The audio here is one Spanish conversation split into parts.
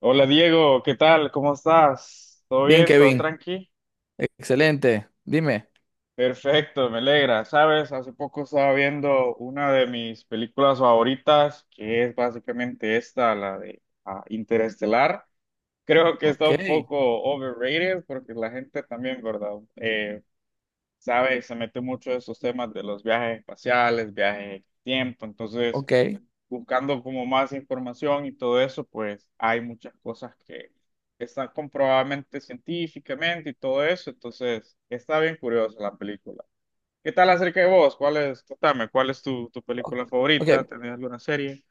Hola Diego, ¿qué tal? ¿Cómo estás? ¿Todo Bien, bien? ¿Todo Kevin. tranqui? Excelente. Dime. Perfecto, me alegra. Sabes, hace poco estaba viendo una de mis películas favoritas, que es básicamente esta, la de Interestelar. Creo que está Ok, un poco overrated porque la gente también, ¿verdad? Sabe, se mete mucho en esos temas de los viajes espaciales, viajes en el tiempo. Entonces, ok, buscando como más información y todo eso, pues hay muchas cosas que están comprobadamente científicamente y todo eso, entonces está bien curiosa la película. ¿Qué tal acerca de vos? ¿Cuál es, contame, cuál es tu, ok. película Ok. favorita? ¿Tenés alguna serie?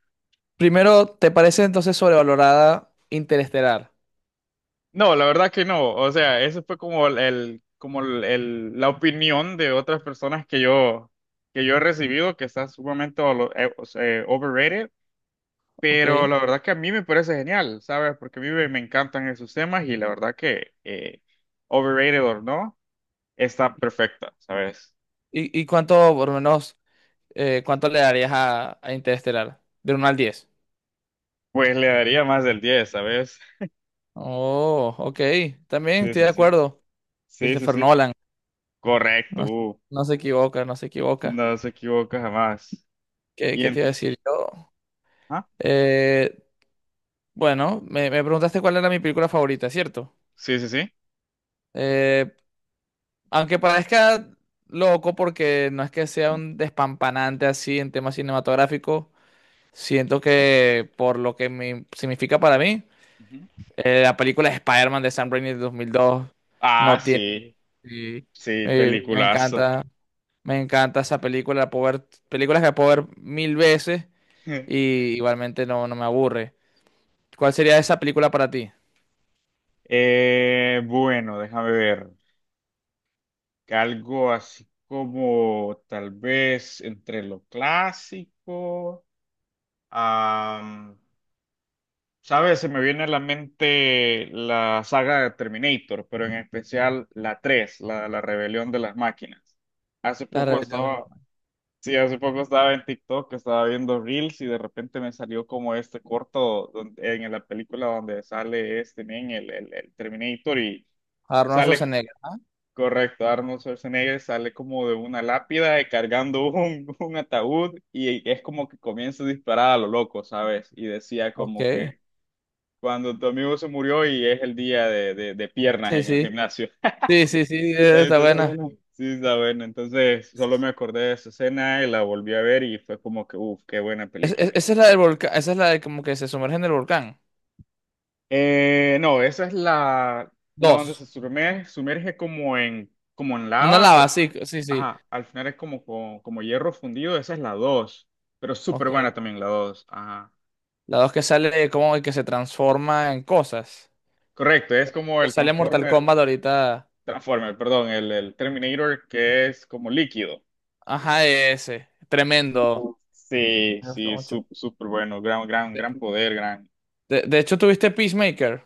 Primero, ¿te parece entonces sobrevalorada Interestelar? No, la verdad que no, o sea, eso fue como como la opinión de otras personas que yo he recibido que está sumamente o sea, overrated. Ok. Pero ¿Y, la verdad que a mí me parece genial, ¿sabes? Porque a mí me encantan esos temas y la verdad que overrated o no, está perfecta, ¿sabes? y cuánto, por lo menos, cuánto le darías a Interestelar? De 1 al 10. Pues le daría más del diez, ¿sabes? Oh, ok. También Sí, estoy sí, de sí. acuerdo. Sí, sí, Christopher sí. Nolan. Correcto. No, no se equivoca, no se equivoca. No se equivoca jamás. ¿Qué, Y qué te iba a en... decir yo? ¿Ah? Eh, bueno, me preguntaste cuál era mi película favorita, ¿cierto? Sí, sí, sí. Eh, Aunque parezca loco porque no es que sea un despampanante así en temas cinematográficos, siento que por lo que me significa para mí, Ujú. La película de Spider-Man de Sam Raimi de 2002 Ah, no tiene... sí. Sí, Sí, eh, me peliculazo. encanta, me encanta esa película, películas que la puedo ver mil veces y igualmente no me aburre. ¿Cuál sería esa película para ti? Bueno, déjame ver. Algo así como tal vez entre lo clásico. Am, ¿Sabes? Se me viene a la mente la saga de Terminator, pero en especial la 3 la rebelión de las máquinas. Hace La poco rebelión de estaba, sí, hace poco estaba en TikTok, estaba viendo Reels y de repente me salió como este corto en la película donde sale este men, el Terminator y Arnold sale, Schwarzenegger, ¿ah? correcto, Arnold Schwarzenegger sale como de una lápida y cargando un, ataúd y es como que comienza a disparar a lo loco, ¿sabes? Y decía como Ok. que... Cuando tu amigo se murió y es el día de, de piernas Sí, en el sí. gimnasio. Sí, sí, sí, Está está Entonces, buena. bueno. Sí, está bueno. Entonces, solo me acordé de esa escena y la volví a ver y fue como que, uff, qué buena película. Esa es la del volcán, esa es la de como que se sumerge en el volcán. No, esa es la, la donde Dos. se sumerge, como en, como en Una lava, pero lava, sí, sí, sí. ajá, al final es como, como, como hierro fundido. Esa es la dos pero súper buena Ok. también la 2. Ajá. La dos que sale de como que se transforma en cosas. Correcto, es como Que el sale Mortal Transformer, Kombat ahorita. Transformer, perdón, el Terminator que es como líquido. Ajá, ese. Tremendo. Sí, Me gustó sí, mucho. Súper bueno, gran, gran, De, gran poder, gran. De hecho, tuviste Peacemaker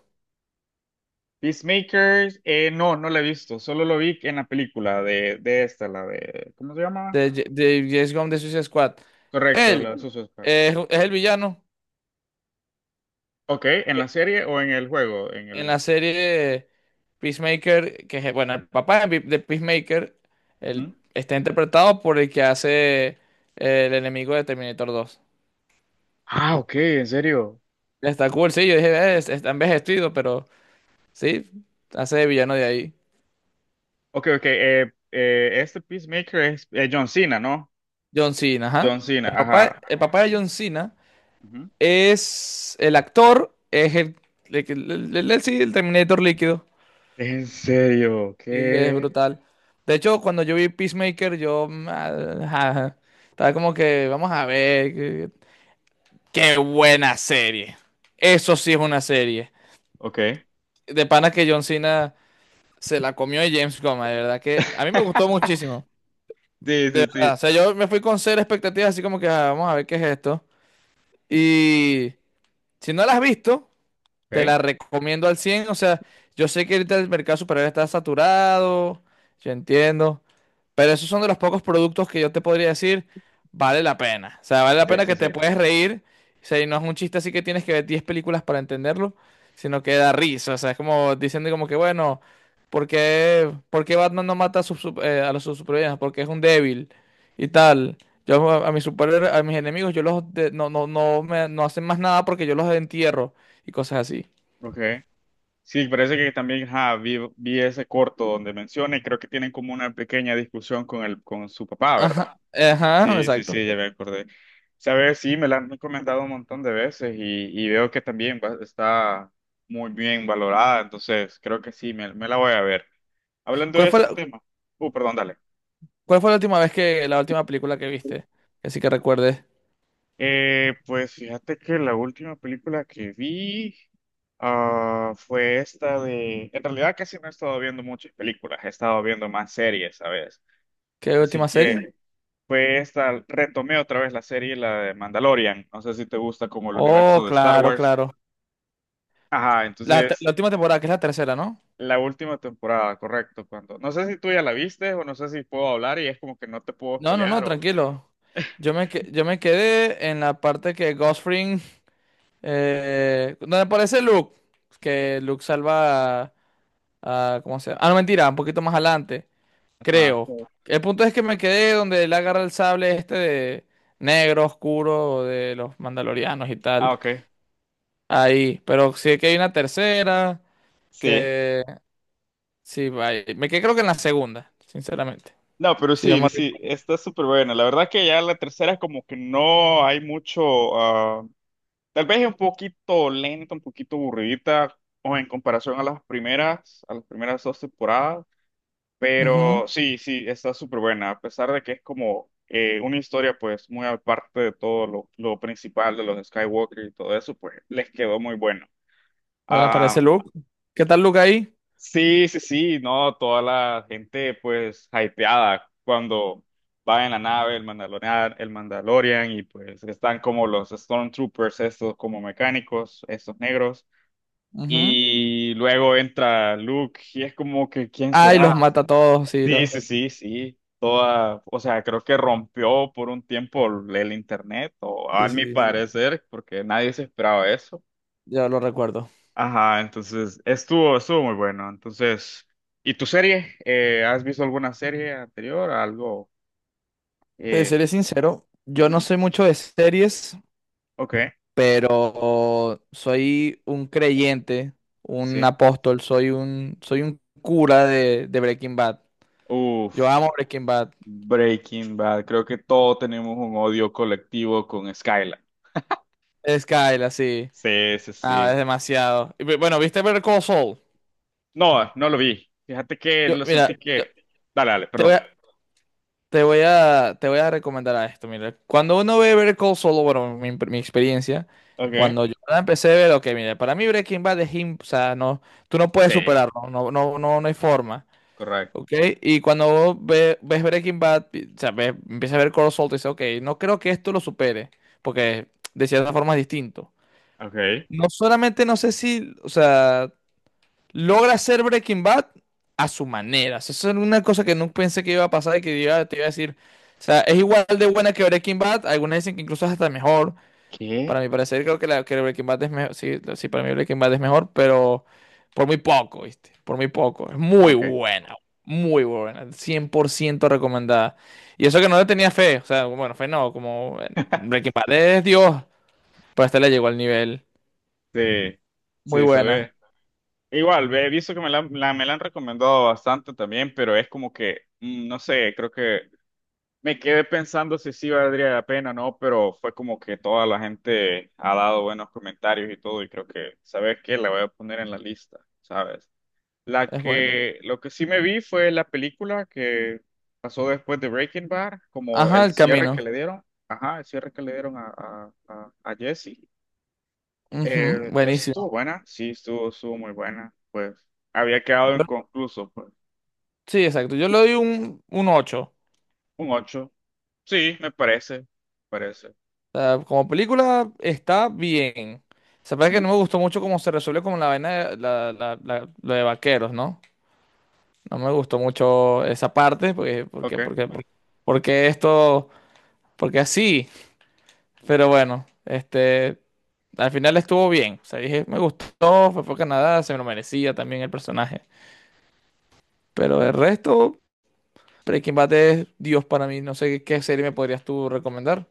Peacemaker, no, no la he visto, solo lo vi en la película de esta, la de, ¿cómo se llama? De James Gunn de Suicide Squad. Correcto, Él, la de Suicide Squad. Es el villano. Ok, ¿en la serie o en el juego? En En el... la serie Peacemaker, que es, bueno, el papá de Peacemaker, él Ujú. está interpretado por el que hace el enemigo de Terminator 2. Ah, ok, en serio. Está cool, sí, yo dije: Está envejecido, pero sí, hace de villano de ahí". Ok, ok, este Peacemaker es John Cena, ¿no? John Cena, ajá. John Cena, El papá, ajá. el papá de John Cena Ujú. es el actor, es el, que- el- sí, el Terminator líquido. En serio, Sí, es ¿qué? brutal. De hecho, cuando yo vi Peacemaker, yo... mm, ah, ajá. Estaba como que, vamos a ver. Qué buena serie. Eso sí es una serie. Ok. De pana que John Cena se la comió de James Goma, de verdad que a mí me gustó muchísimo. Sí, De sí, verdad, sí. o sea, yo me fui con cero expectativas, así como que vamos a ver qué es esto. Y si no la has visto, te Ok, la recomiendo al cien. O sea, yo sé que ahorita el mercado superior está saturado, yo entiendo, pero esos son de los pocos productos que yo te podría decir, vale la pena. O sea, vale la sí, pena sí, que te sí. puedes reír. O sea, y no es un chiste así que tienes que ver 10 películas para entenderlo, sino que da risa. O sea, es como diciendo como que, bueno, ¿por qué Batman no mata a los sus supervillanos? Porque es un débil y tal. Yo a mis super, a mis enemigos, yo no, no, no me no hacen más nada porque yo los entierro y cosas así. Ok. Sí, parece que también ajá, vi, ese corto donde menciona y creo que tienen como una pequeña discusión con el, con su papá, ¿verdad? Ajá, ajá, Sí, sí, exacto. sí, ya me acordé. Sabes, sí, me la han comentado un montón de veces y veo que también está muy bien valorada, entonces creo que sí, me, la voy a ver. Hablando ¿Cuál de fue ese la, tema, perdón, dale. cuál fue la la última película que viste? Así que recuerdes. Pues fíjate que la última película que vi fue esta de... En realidad casi no he estado viendo muchas películas, he estado viendo más series, ¿sabes? ¿Qué Así última serie? que pues esta retomé otra vez la serie, la de Mandalorian. No sé si te gusta como el Oh, universo de Star claro, Wars. claro. Ajá, La, te- entonces la última temporada, que es la tercera, ¿no? la última temporada, correcto, cuando no sé si tú ya la viste o no sé si puedo hablar y es como que no te puedo No, no, spoilear no, o tranquilo. Yo me quedé en la parte que Ghost Fring, donde aparece Luke, que Luke salva ¿cómo se llama? Ah, no, mentira, un poquito más adelante, ajá. creo. El punto es que me quedé donde él agarra el sable este de negro oscuro de los mandalorianos y tal. Ah, ok. Ahí, pero sí que hay una tercera Sí. que sí, vaya. Me quedé creo que en la segunda, sinceramente. No, pero Sí, yo me sí, sí, está súper buena. La verdad que ya la tercera como que no hay mucho, ah, tal vez es un poquito lenta, un poquito aburridita o en comparación a las primeras dos temporadas. recuerdo. Ujú. Pero sí, sí, está súper buena, a pesar de que es como una historia pues muy aparte de todo lo principal de los Skywalker y todo eso, pues les quedó muy bueno. Bueno, Ah, aparece Luke. ¿Qué tal Luke ahí? sí, sí, sí, no, toda la gente pues hypeada cuando va en la nave el Mandalorian, el Mandalorian, y pues están como los Stormtroopers, estos como mecánicos, estos negros. Ujú. Y luego entra Luke y es como que, ¿quién Ay, los será? mata a todos, sí, Sí, los... sí, sí, sí. Toda, o sea, creo que rompió por un tiempo el internet, o a Sí, mi sí, sí, sí. parecer, porque nadie se esperaba eso. Ya lo recuerdo. Ajá, entonces estuvo, estuvo muy bueno. Entonces, ¿y tu serie? ¿Has visto alguna serie anterior? Algo. Te Eh, seré sincero, yo no ujú, soy mucho de series, ok, pero soy un creyente, un sí. apóstol, soy un cura de Breaking Bad. Yo amo Uf, Breaking Bad. Breaking Bad. Creo que todos tenemos un odio colectivo con Skylar. Skyler, así. Sí, sí, Ah, es sí. demasiado. Y bueno, ¿viste Better Call Saul? No, no lo vi. Fíjate que Yo, lo mira, sentí yo- que. Dale, dale, te voy perdón. a, te voy a, te voy a recomendar a esto, mira. Cuando uno ve Better Call Saul, bueno, mi experiencia, Ok. cuando yo la empecé a ver, ok, mira, para mí Breaking Bad o sea, no, tú no puedes Sí, superarlo, no, no, no, no hay forma. correcto. Ok, y cuando ves Breaking Bad, o sea, empiezas a ver Cold Salt y dices, ok, no creo que esto lo supere, porque de cierta forma es distinto. Ok. No solamente no sé si, o sea, logra hacer Breaking Bad a su manera. O sea, eso es una cosa que no pensé que iba a pasar y que te iba a decir, o sea, es igual de buena que Breaking Bad, algunas dicen que incluso es hasta mejor. ¿Qué? Para mi parecer, creo que, que Breaking Bad es mejor. Sí, sí, para mí Breaking Bad es mejor, pero por muy poco, ¿viste? Por muy poco. Es Ok. Muy buena, 100% recomendada. Y eso que no le tenía fe, o sea, bueno, fe no, como Breaking Bad es Dios, pero esta le llegó al nivel. Sí, Muy sí, buena, sabes. Igual, ve, he visto que me la, me la han recomendado bastante también, pero es como que, no sé, creo que me quedé pensando si sí valdría la pena o no, pero fue como que toda la gente ha dado buenos comentarios y todo, y creo que, ¿sabes qué? La voy a poner en la lista, ¿sabes? La es buena. que, lo que sí me vi fue la película que pasó después de Breaking Bad, como Ajá, el el cierre que camino. le dieron, ajá, el cierre que le dieron a, a Jesse. Ujú, Estuvo buenísimo. buena, sí, estuvo, estuvo muy buena, pues había quedado Yo- inconcluso, pues sí, exacto. Yo le doy un, 8. un 8 sí, me parece, parece. Sea, como película está bien. Se parece que Mm, no me gustó mucho cómo se resuelve como la vaina de, lo de vaqueros, ¿no? No me gustó mucho esa parte, Ok. Porque esto, porque así. Pero bueno, este, al final estuvo bien. O sea, dije, me gustó, fue por Canadá, se me lo merecía también el personaje. Pero el resto, Breaking Bad es Dios para mí. No sé qué serie me podrías tú recomendar.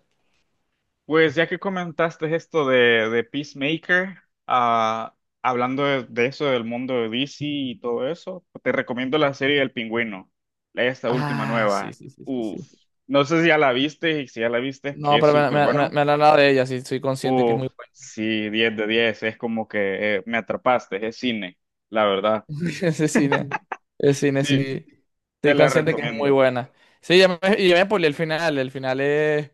Pues ya que comentaste esto de Peacemaker, ah, hablando de eso del mundo de DC y todo eso, te recomiendo la serie del Pingüino, esta última Ah, sí, nueva. sí, sí, sí, Uf, sí. no sé si ya la viste y si ya la viste es que No, es pero me, súper me, me, bueno. me han hablado de ella, sí, soy consciente que es Uf, muy buena. sí, 10 de 10. Es como que me atrapaste, es cine, la verdad. Ese cine, el cine, Sí, sí. te Estoy la consciente que es muy recomiendo. buena. Sí, ya me spoileé el final. El final es,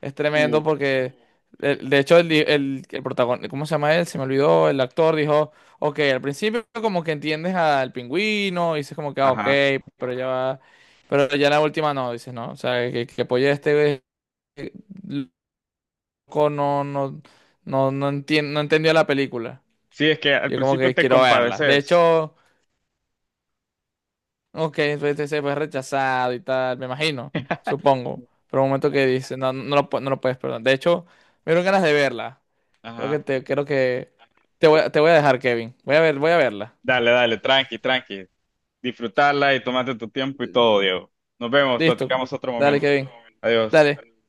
es Uh, tremendo porque, de hecho, el protagonista, ¿cómo se llama él? Se me olvidó. El actor dijo, ok, al principio como que entiendes al pingüino, y dices como que, ah, ok, ajá. pero ya va. Pero ya la última no, dices, no. O sea, que apoye este eh, loco, no, no, no, no, no entendió la película. Sí, es que al Yo como principio que te quiero verla. De compadeces. hecho, ok, pues, este se fue rechazado y tal, me imagino, supongo. Pero un momento que dice, no, no no lo puedes perdonar. De hecho, me dieron ganas de verla. Ajá. Creo que te voy a dejar, Kevin. Voy a verla. Dale, dale, tranqui, tranqui. Disfrutarla y tomarte tu tiempo y todo, Diego. Nos vemos, Listo. platicamos otro Dale, momento. Kevin. Adiós. Dale.